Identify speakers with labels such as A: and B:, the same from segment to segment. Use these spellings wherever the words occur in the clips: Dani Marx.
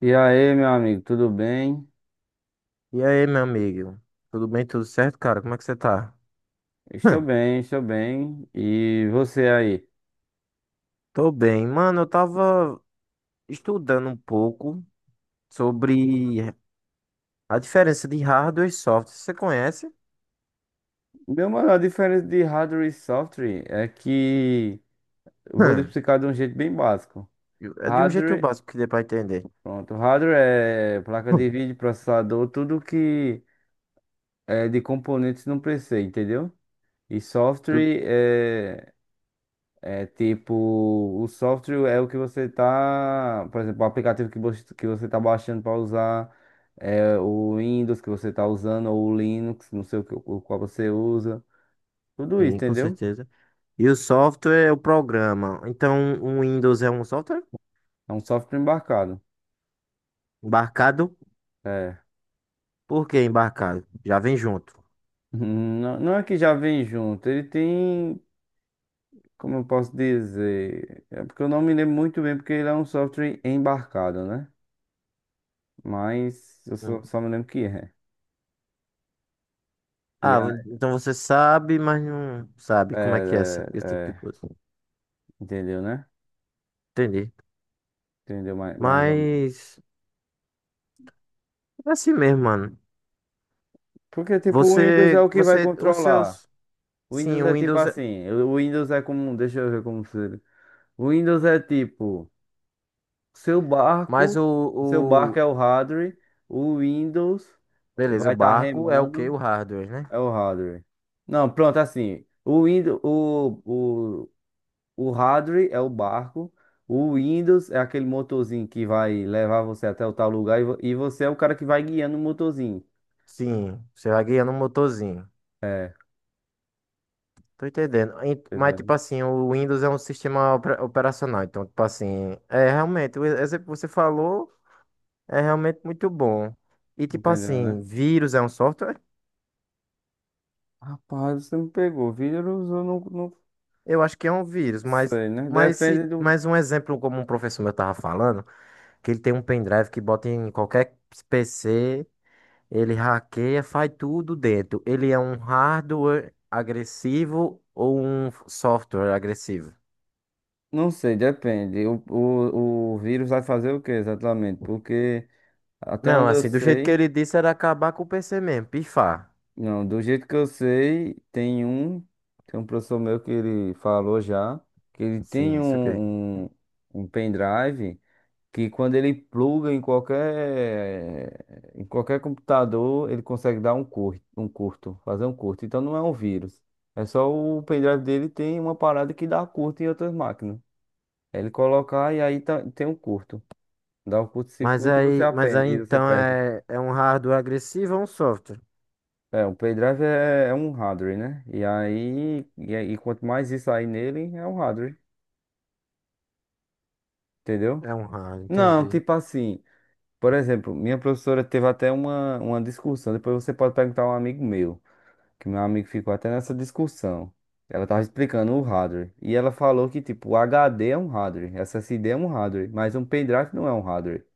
A: E aí, meu amigo, tudo bem?
B: E aí, meu amigo? Tudo bem? Tudo certo, cara? Como é que você tá?
A: Estou
B: Hum,
A: bem, estou bem. E você aí?
B: Tô bem. Mano, eu tava estudando um pouco sobre a diferença de hardware e software. Você conhece?
A: Meu mano, a diferença de hardware e software é que eu vou lhe
B: Hum,
A: explicar de um jeito bem básico.
B: É de um jeito
A: Hardware,
B: básico que dê pra entender.
A: pronto, hardware é placa de
B: Hum.
A: vídeo, processador, tudo que é de componentes num PC, entendeu? E
B: Tudo
A: software é É tipo, o software é o que você tá, por exemplo, o aplicativo que você tá baixando para usar, é o Windows que você tá usando ou o Linux, não sei o qual você usa. Tudo isso,
B: sim, com
A: entendeu?
B: certeza. E o software é o programa. Então, o Windows é um software?
A: É um software embarcado.
B: Embarcado?
A: É.
B: Por que embarcado? Já vem junto.
A: Não, não é que já vem junto, ele tem, como eu posso dizer, é porque eu não me lembro muito bem porque ele é um software embarcado, né? Mas eu só,
B: Hum.
A: só me lembro que é. E
B: Ah,
A: a-
B: então você sabe, mas não sabe como é que é
A: é, é,
B: esse tipo de
A: é,
B: coisa.
A: entendeu, né?
B: Entendi.
A: Entendeu mais ou menos.
B: Mas, é assim mesmo, mano.
A: Porque, tipo, o Windows é o que vai
B: Os
A: controlar.
B: seus,
A: O
B: sim,
A: Windows
B: o
A: é tipo
B: Windows,
A: assim, o Windows é como, deixa eu ver como se. O Windows é tipo, seu
B: mas
A: barco, o seu barco
B: o,
A: é o hardware, o Windows
B: beleza, o
A: vai estar
B: barco é o quê?
A: remando,
B: O hardware, né?
A: é o hardware. Não, pronto, assim, o Windows, o, o hardware é o barco, o Windows é aquele motorzinho que vai levar você até o tal lugar e, e você é o cara que vai guiando o motorzinho.
B: Sim, você vai guiando um motorzinho.
A: É,
B: Tô entendendo. Mas, tipo
A: entendeu?
B: assim, o Windows é um sistema operacional. Então, tipo assim, é realmente, o exemplo que você falou é realmente muito bom. E, tipo
A: Entendeu, né?
B: assim, vírus é um software?
A: Rapaz, você me pegou. Vírus eu não
B: Eu acho que é um vírus,
A: sei, né?
B: mas,
A: Depende
B: se,
A: do.
B: mas um exemplo como um professor meu tava falando, que ele tem um pendrive que bota em qualquer PC. Ele hackeia, faz tudo dentro. Ele é um hardware agressivo ou um software agressivo?
A: Não sei, depende. O vírus vai fazer o que exatamente? Porque até
B: Não,
A: onde eu
B: assim, do jeito que
A: sei,
B: ele disse era acabar com o PC mesmo, pifar.
A: não, do jeito que eu sei, tem um professor meu que ele falou já, que ele
B: Sim,
A: tem
B: isso aqui.
A: um pendrive, que quando ele pluga em qualquer computador, ele consegue dar fazer um curto. Então não é um vírus. É só o pendrive dele tem uma parada que dá curto em outras máquinas. Ele colocar e aí tem um curto. Dá um curto-circuito e você
B: Mas
A: aprende
B: aí
A: e você
B: então
A: perde.
B: é, é um hardware agressivo ou um software?
A: É, o pendrive é um hardware, né? E quanto mais isso aí nele, é um hardware, entendeu?
B: É um hardware,
A: Não,
B: entendi.
A: tipo assim, por exemplo, minha professora teve até uma discussão, depois você pode perguntar a um amigo meu. Que meu amigo ficou até nessa discussão. Ela tava explicando o hardware. E ela falou que, tipo, o HD é um hardware, SSD é um hardware, mas um pendrive não é um hardware.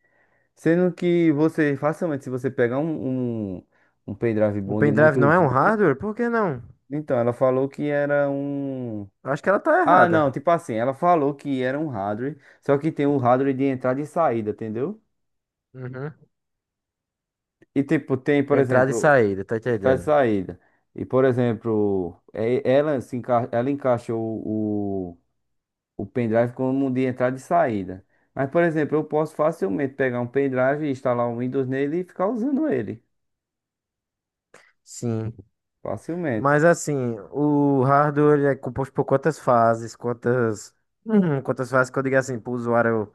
A: Sendo que você, facilmente, se você pegar um pendrive
B: Um
A: bom de
B: pendrive
A: muito
B: não é um
A: giga.
B: hardware? Por que não?
A: Então, ela falou que era um.
B: Acho que ela tá
A: Ah,
B: errada.
A: não, tipo assim, ela falou que era um hardware, só que tem um hardware de entrada e saída, entendeu?
B: Uhum.
A: E, tipo, tem, por
B: Entrada e
A: exemplo,
B: saída, tá
A: entrada e
B: entendendo?
A: saída. E, por exemplo, ela, se enca... ela encaixou o. o pendrive como de entrada e saída. Mas, por exemplo, eu posso facilmente pegar um pendrive e instalar um Windows nele e ficar usando ele.
B: Sim.
A: Facilmente.
B: Mas assim, o hardware ele é composto por quantas fases, quantas, uhum, quantas fases que eu digo assim, para o usuário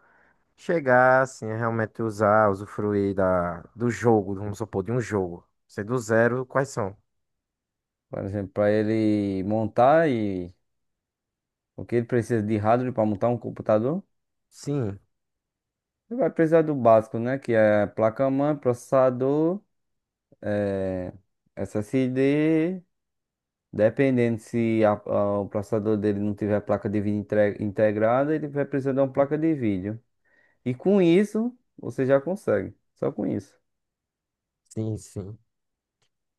B: chegar, assim, a realmente usar, usufruir da, do jogo, vamos supor, de um jogo. Sei do zero, quais são?
A: Por exemplo, para ele montar e o que ele precisa de hardware para montar um computador,
B: Sim,
A: ele vai precisar do básico, né? Que é placa-mãe, processador, eh, SSD. Dependendo se o processador dele não tiver placa de vídeo integrada, ele vai precisar de uma placa de vídeo. E com isso, você já consegue. Só com isso.
B: sim, sim.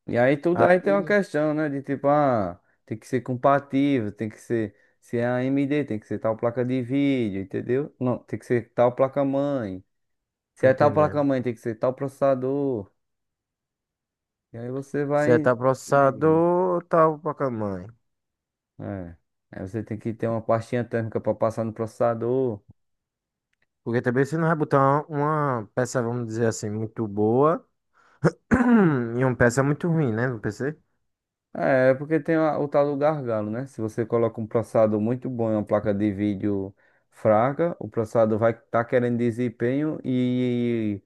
A: E aí tudo aí tem uma
B: Aí,
A: questão, né? De tipo, ah, tem que ser compatível, tem que ser se é AMD, tem que ser tal placa de vídeo, entendeu? Não, tem que ser tal placa-mãe. Se
B: tô
A: é tal
B: entendendo.
A: placa-mãe, tem que ser tal processador. E aí você
B: Se é
A: vai.
B: tal
A: Entendi.
B: processador, tal placa mãe.
A: É. Aí você tem que ter uma pastinha térmica para passar no processador.
B: Porque também você não vai botar uma peça, vamos dizer assim, muito boa e uma peça muito ruim, né, no PC?
A: É porque tem o tal do gargalo, né? Se você coloca um processador muito bom e uma placa de vídeo fraca, o processador vai estar querendo desempenho e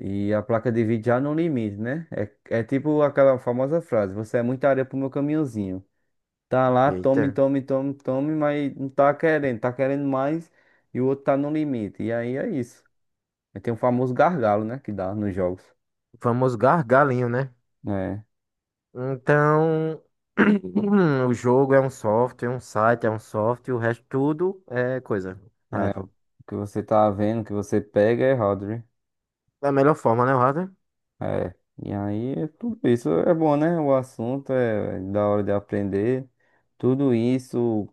A: E a placa de vídeo já no limite, né? É tipo aquela famosa frase: você é muita areia pro meu caminhãozinho. Tá lá, tome,
B: Eita,
A: tome, tome, tome, mas não tá querendo, tá querendo mais e o outro tá no limite. E aí é isso. Aí tem o famoso gargalo, né? Que dá nos jogos.
B: o famoso gargalinho, né?
A: É,
B: Então, o jogo é um software, um site é um software, o resto tudo é coisa. Hardware.
A: o que você tá vendo, o que você pega é errado, né?
B: Da melhor forma, né, o hardware?
A: É. E aí, tudo isso é bom, né? O assunto é da hora de aprender. Tudo isso.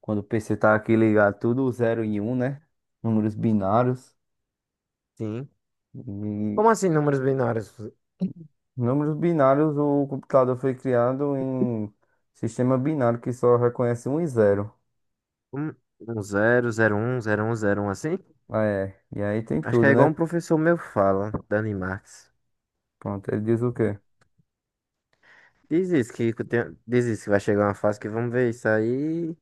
A: Quando o PC tá aqui ligado, tudo zero e um, né? Números binários.
B: Sim.
A: E
B: Como assim, números binários?
A: números binários, o computador foi criado em sistema binário que só reconhece um e 0.
B: Um, um zero, zero, um, zero, um, zero, um, assim?
A: É, e aí tem
B: Acho que é
A: tudo,
B: igual
A: né?
B: um professor meu fala, Dani Marx.
A: Pronto, ele diz o quê?
B: Diz isso, que eu tenho- diz isso, que vai chegar uma fase que vamos ver isso aí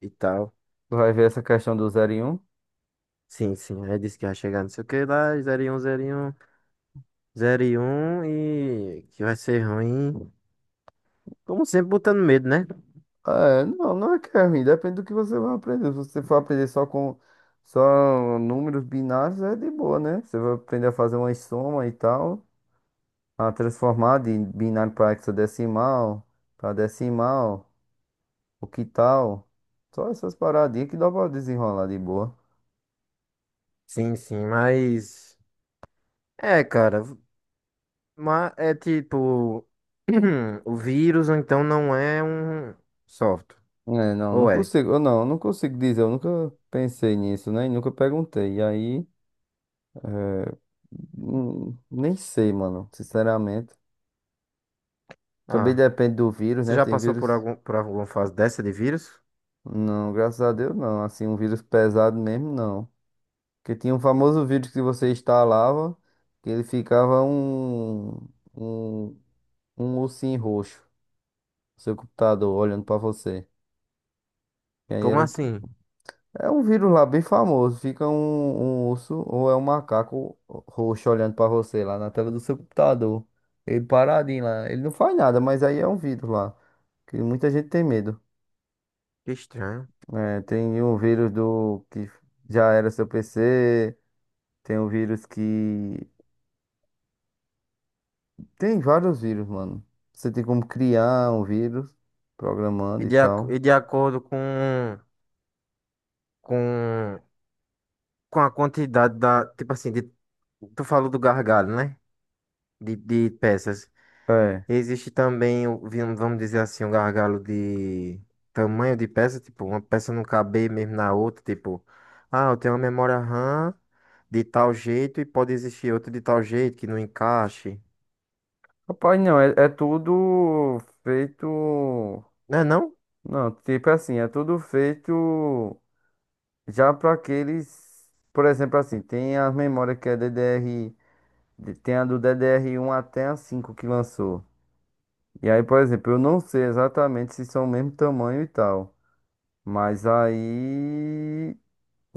B: e tal.
A: Tu vai ver essa questão do zero e um?
B: Sim, sim. Aí disse que vai chegar não sei o que lá, zero, um, zero, um, zero, um, e que vai ser ruim. Como sempre, botando medo, né?
A: Ah, é, não é que é ruim, depende do que você vai aprender. Se você for aprender só com só números binários, é de boa, né? Você vai aprender a fazer uma soma e tal, a transformar de binário para hexadecimal, para decimal, o que tal? Só essas paradinhas que dá pra desenrolar de boa.
B: Sim, sim, mas, é, cara, mas é tipo, o vírus, então, não é um software.
A: É, não
B: Ou é?
A: consigo, eu não consigo dizer, eu nunca pensei nisso, né? E nunca perguntei. E aí, nem sei, mano, sinceramente. Também
B: Ah,
A: depende do vírus,
B: você
A: né?
B: já
A: Tem
B: passou por
A: vírus.
B: algum, por alguma fase dessa de vírus?
A: Não, graças a Deus não. Assim, um vírus pesado mesmo, não. Porque tinha um famoso vírus que você instalava, que ele ficava um, um ursinho roxo. Seu computador olhando pra você. E aí
B: Como assim?
A: é um vírus lá bem famoso. Fica um urso ou é um macaco roxo olhando pra você lá na tela do seu computador. Ele paradinho lá. Ele não faz nada, mas aí é um vírus lá. Que muita gente tem medo.
B: Que estranho.
A: É, tem um vírus do que já era seu PC. Tem um vírus que. Tem vários vírus, mano. Você tem como criar um vírus
B: E
A: programando e
B: de,
A: tal.
B: e de acordo com, com a quantidade da. Tipo assim, de, tu falou do gargalo, né? De peças.
A: É.
B: Existe também, vamos dizer assim, um gargalo de tamanho de peça, tipo, uma peça não caber mesmo na outra, tipo, ah, eu tenho uma memória RAM de tal jeito e pode existir outra de tal jeito que não encaixe.
A: Rapaz, não, é tudo feito.
B: Não é não?
A: Não, tipo assim, é tudo feito já para aqueles, por exemplo, assim, tem as memórias que é DDR, tem a do DDR1 até a 5 que lançou. E aí, por exemplo, eu não sei exatamente se são o mesmo tamanho e tal, mas aí,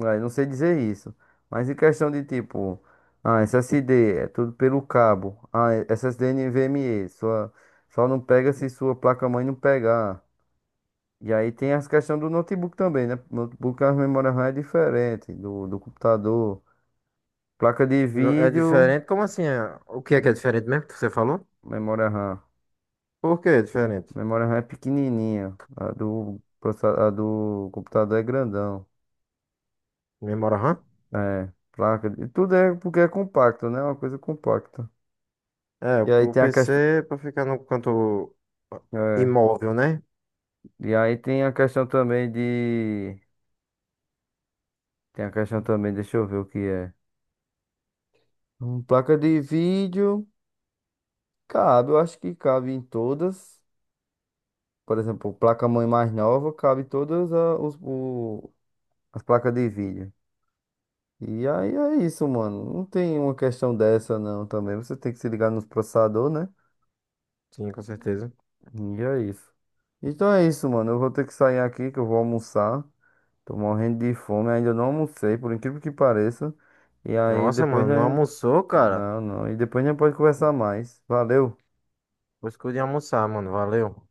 A: aí não sei dizer isso. Mas em questão de tipo, ah, SSD é tudo pelo cabo, ah, SSD NVMe, só não pega se sua placa-mãe não pegar. E aí tem as questões do notebook também, né? Notebook, a memória RAM é diferente do computador. Placa de
B: É
A: vídeo,
B: diferente? Como assim? É? O que é diferente mesmo que você falou?
A: memória RAM.
B: Por que é diferente?
A: Memória RAM é pequenininha. A do computador é grandão.
B: Memória RAM?
A: É, placa de. Tudo é porque é compacto, né? Uma coisa compacta.
B: É, o
A: E aí
B: o
A: tem a
B: PC
A: questão.
B: é pra ficar no canto, ah,
A: É.
B: imóvel, né?
A: E aí tem a questão também de. Tem a questão também, deixa eu ver o que é. Placa de vídeo, cabe, eu acho que cabe em todas. Por exemplo, placa-mãe mais nova cabe todas as placas de vídeo. E aí é isso, mano. Não tem uma questão dessa, não, também. Você tem que se ligar nos processador, né?
B: Sim, com certeza.
A: E é isso. Então é isso, mano. Eu vou ter que sair aqui que eu vou almoçar. Tô morrendo de fome, ainda não almocei, por incrível que pareça. E aí
B: Nossa,
A: depois,
B: mano, não
A: né?
B: almoçou, cara?
A: Não, não. E depois a gente pode conversar mais. Valeu.
B: Vou escolher almoçar, mano. Valeu.